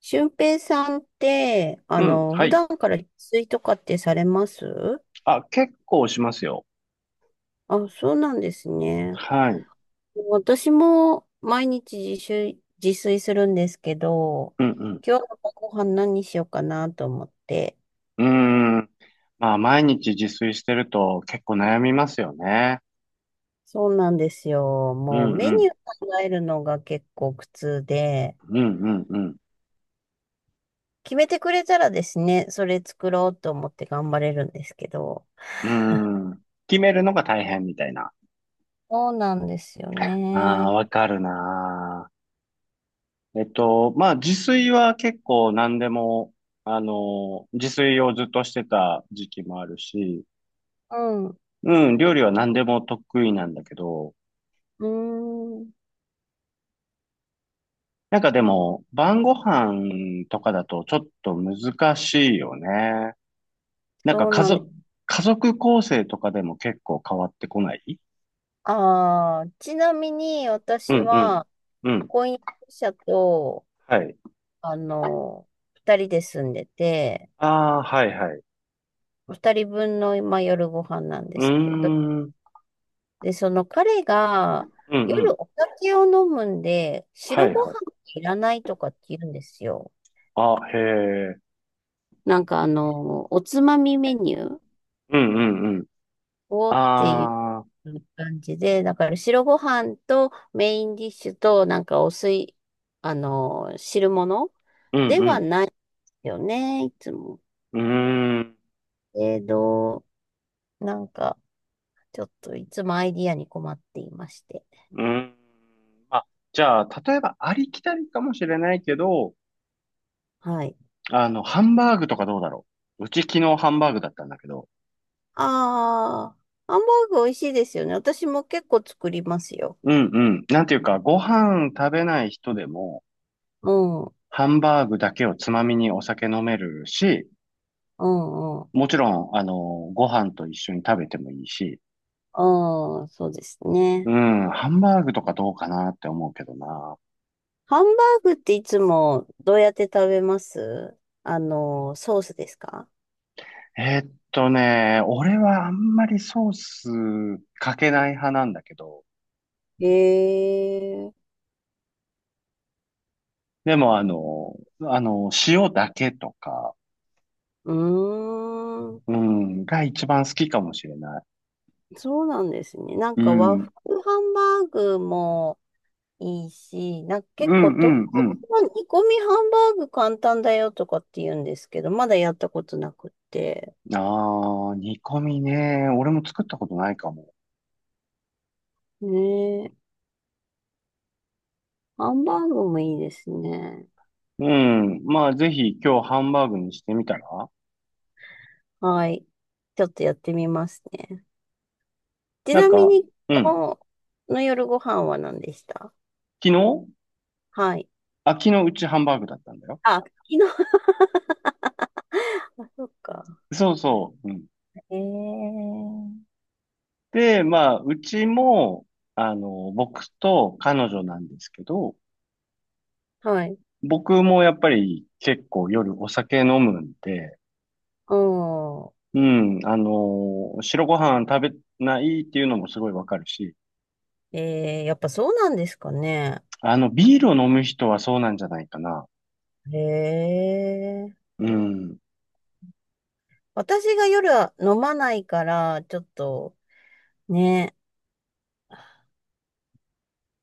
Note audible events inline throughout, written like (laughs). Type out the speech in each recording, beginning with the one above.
俊平さんって、うん、は普い。段から自炊とかってされます？あ、結構しますよ。あ、そうなんですね。はい。私も毎日自炊するんですけど、うん今日のご飯何にしようかなと思って。うん。うーん。まあ、毎日自炊してると結構悩みますよね。そうなんですよ。うもうんメニうん。ュー考えるのが結構苦痛で、うんうんう決めてくれたらですね、それ作ろうと思って頑張れるんですけど。ん。うーん。決めるのが大変みたいな。そうなんですよあね。あ、わかるなー。まあ、自炊は結構何でも、自炊をずっとしてた時期もあるし、うん。ううん、料理は何でも得意なんだけど、ーん。なんかでも、晩ご飯とかだとちょっと難しいよね。なんかそう家なんです。族、家族構成とかでも結構変わってこない。ああ、ちなみにう私んうん。は、うん。婚約者と、はい。あの、二人で住んでて、ああ、はいはい。二人分の今夜ご飯なんうでーすけど、ん。うんで、その彼がう夜ん。お酒を飲むんで、は白いごはい。飯いらないとかって言うんですよ。あ、へえ。なんかおつまみメニューうんうんうん。おーっていああ、う感じで、だから白ご飯とメインディッシュとなんかお水、汁物うんでうはん。ないよね、いつも。うーん。えど、なんか、ちょっといつもアイディアに困っていまして。うーん。まあ、じゃあ、例えばありきたりかもしれないけど、はい。ハンバーグとかどうだろう。うち昨日ハンバーグだったんだけど、ああ、ハンバーグ美味しいですよね。私も結構作りますよ。うんうん。なんていうか、ご飯食べない人でも、うん、うハンバーグだけをつまみにお酒飲めるし、ん、うん、もちろん、ご飯と一緒に食べてもいいし、うん、そうですうね。ん、ハンバーグとかどうかなって思うけどな。ハンバーグっていつもどうやって食べます？ソースですか？俺はあんまりソースかけない派なんだけど、へえ、でも塩だけとか、うーん、うん、が一番好きかもしれない。そうなんですね。なんうか和ん、風ハンバーグもいいし、なんかう結ん、構う東ん、うん。京の煮込みハンバーグ簡単だよとかって言うんですけど、まだやったことなくって。ああ、煮込みね。俺も作ったことないかも。ねえ、ハンバーグもいいですね。うん。まあ、ぜひ今日ハンバーグにしてみたらはい。ちょっとやってみますね。ちなんなみか、に、うん。今日の夜ご飯は何でした？昨日はい。あ、昨日うちハンバーグだったんだよ。あ、昨日、(laughs) そっか。そうそう。うん。えー、で、まあ、うちも、僕と彼女なんですけど、はい。僕もやっぱり結構夜お酒飲むんで、ああ、うん。白ご飯食べないっていうのもすごいわかるし、えー、やっぱそうなんですかね。ビールを飲む人はそうなんじゃないかな。へえ。うん。そう、うん私が夜は飲まないから、ちょっとね、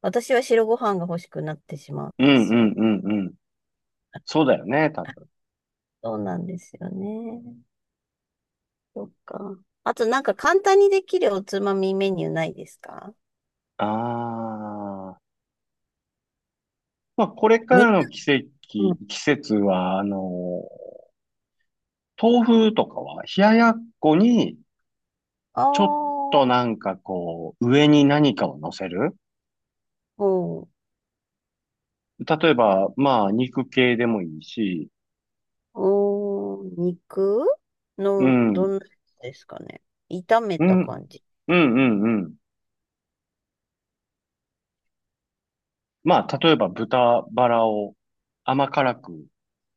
私は白ご飯が欲しくなってしまううんんうですよ。んうん。そうだよね、多分。そうなんですよね。そっか。あとなんか簡単にできるおつまみメニューないですか？ああ。まあ、これか肉。らのう季ん。節は、豆腐とかは冷ややっこにあちょっとあ、上に何かを乗せる。うん。例えば、まあ、肉系でもいいし、おー、肉うの、ん、うどん、んなやつですかね。炒めうたん、感じ。うん、うん。まあ、例えば豚バラを甘辛く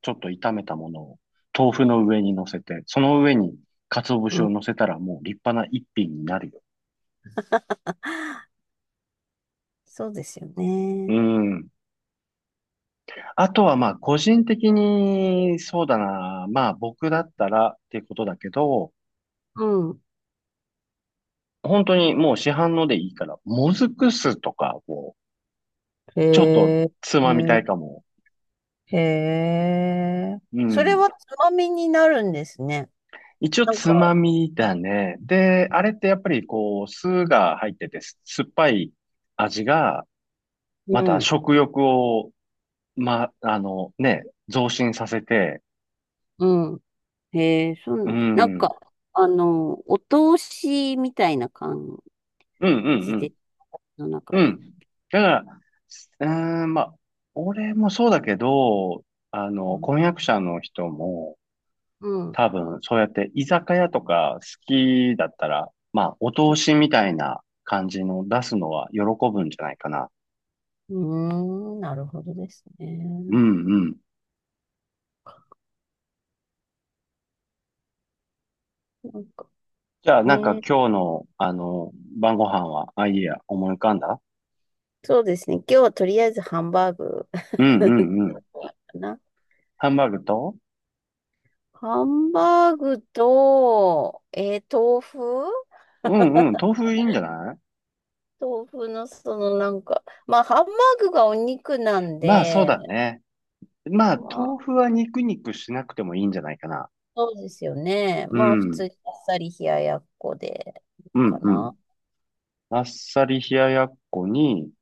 ちょっと炒めたものを豆腐の上に乗せて、その上に鰹節うをん。乗せたらもう立派な一品になるよ。そうですよね。うん。あとはまあ、個人的に、そうだな、まあ僕だったらっていうことだけど、うん。本当にもう市販のでいいから、もずく酢とかを、へちょっとえ、つへまみたいえ、かも。うそれん。はつまみになるんですね。一応なんつか、まみだね。で、あれってやっぱりこう、酢が入ってて、酸っぱい味が、うまたん、食欲を、ま、あのね、増進させて、うん。へえ、そううなん、んだ。なんうんか、お通しみたいな感うんじうん。で、の中うで。ん。だから、すうーん、まあ、俺もそうだけど、うん。婚約者の人も、うん。多分、そうやって居酒屋とか好きだったら、まあ、お通しみたいな感じの出すのは喜ぶんじゃないかな。うーん、なるほどですうね。んうん。なんかじゃあ、ね、今日の、晩ご飯は、あ、いいや、思い浮かんだ。そうですね。今日はとりあえずハンバーグ うんうんうん。(laughs) な。ハンバーグと、ハンバーグと、豆腐うんうん、豆腐いいんじゃない。豆腐のそのなんか、まあハンバーグがお肉なんまあ、そうで、だね。まあ、まあ豆腐は肉肉しなくてもいいんじゃないかな。そうですよね。うまあ普ん。通にあっさり冷ややっこでいいうんかうん。な。あっさり冷ややっこに、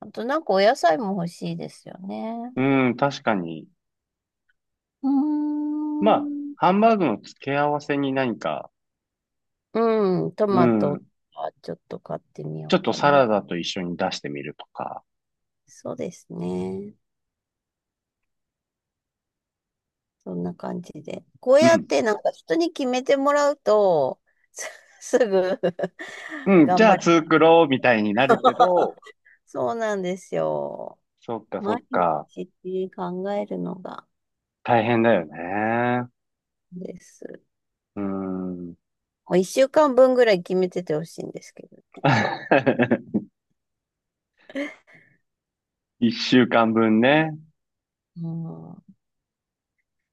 あとなんかお野菜も欲しいですよね。うん、確かに。うまあ、ーん。ハンバーグの付け合わせに何か、うん、トうマトん、はちょっと買ってみよちょっうとかサな。ラダと一緒に出してみるとか。そうですね。そんな感じで。こううやっん。てなんか人に決めてもらうと、すすぐ (laughs) うん、じ頑ゃ張ある。作ろうみたいになるけど、(laughs) そうなんですよ。そっかそっ毎か。日って考えるのが大変だよね。です。うん。もう一週間分ぐらい決めててほしいんですけど。(laughs) 一週間分ね。うん、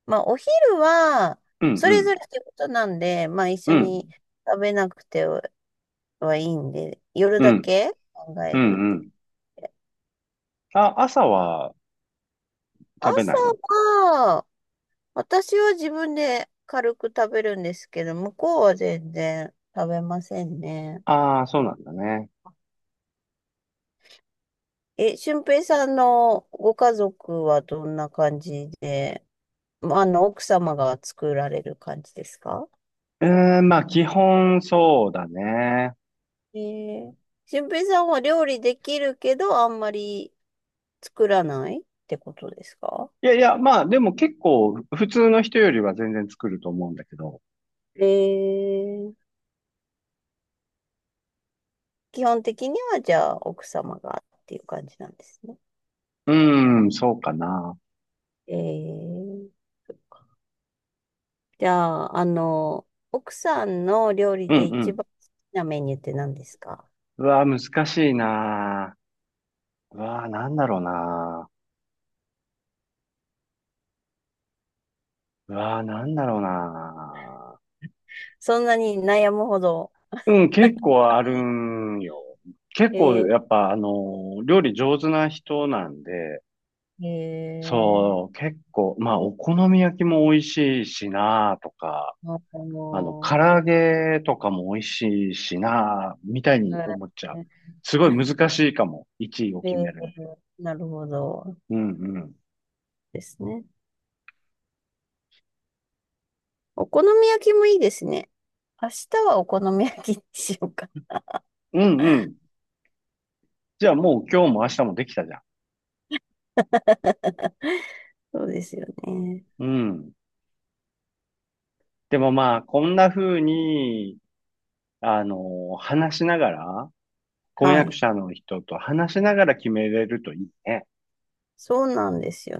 まあ、お昼は、うんそれうぞれってことなんで、まあ、一緒ん。うん。に食べなくてはいいんで、夜うだん。け考うえんるっうてん。言って。あ、朝は食べないの。朝私は自分で軽く食べるんですけど、向こうは全然食べませんね。ああー、そうなんだね。え、俊平さんのご家族はどんな感じで、まあ奥様が作られる感じですか？うーん、まあ、基本そうだね。えー、俊平さんは料理できるけど、あんまり作らないってことですか？いやいや、まあ、でも結構、普通の人よりは全然作ると思うんだけど。えー、基本的にはじゃあ奥様がっていう感じなんですね。うーん、そうかな。えーじゃあ、奥さんの料理うんでう一ん。番好きなメニューって何ですか？うわー、難しいなー。うわー、なんだろうなー。うわー、なんだろうなそんなに悩むほど。ー。うん、結構あるんよ。結構、やえっぱ、料理上手な人なんで、ー、えそう、結構、まあ、お好み焼きも美味しいしな、とか。ー、唐揚げとかも美味しいしな、みたいにえ思っちゃう。すごい難しいかも。1位をー、え決めるの。ーなるほどうんうん。ですね。お好み焼きもいいですね。明日はお好み焼きにしようかな。うんうん。じゃあもう今日も明日もできたじゃん。そうですよね。うん。でもまあ、こんな風に、話しながら、婚は約い。者の人と話しながら決めれるといいね。そうなんですよ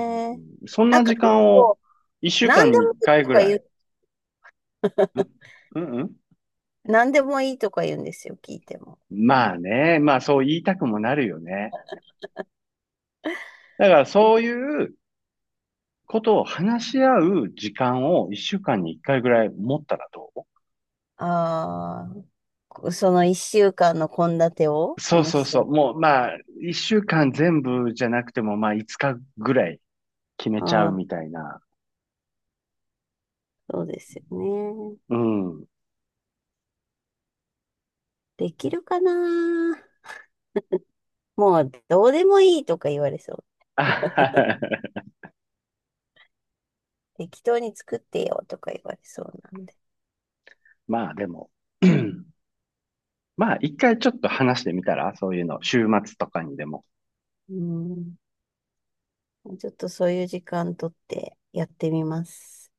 うん、そんなんなか時結間を構、1週何間でにもい1い回とぐから言う、い。んうんうん。何でもいいとか言うんですよ、聞いても。まあね、まあそう言いたくもなるよね。だからうそういうことを話し合う時間を一週間に一回ぐらい持ったらどう。ああ、その一週間の献立をそうそ話うし合そう。う？もうまあ、一週間全部じゃなくてもまあ、五日ぐらい決めちゃうあみあ、たいな。そうですよね。うん。できるかな？もうどうでもいいとか言われそう。あ (laughs) 適当に作ってよとか言われそうなんで。まあでも。(clears throat) まあ、一回ちょっと話してみたら、そういうの、週末とかにでも。うん。ちょっとそういう時間取ってやってみます。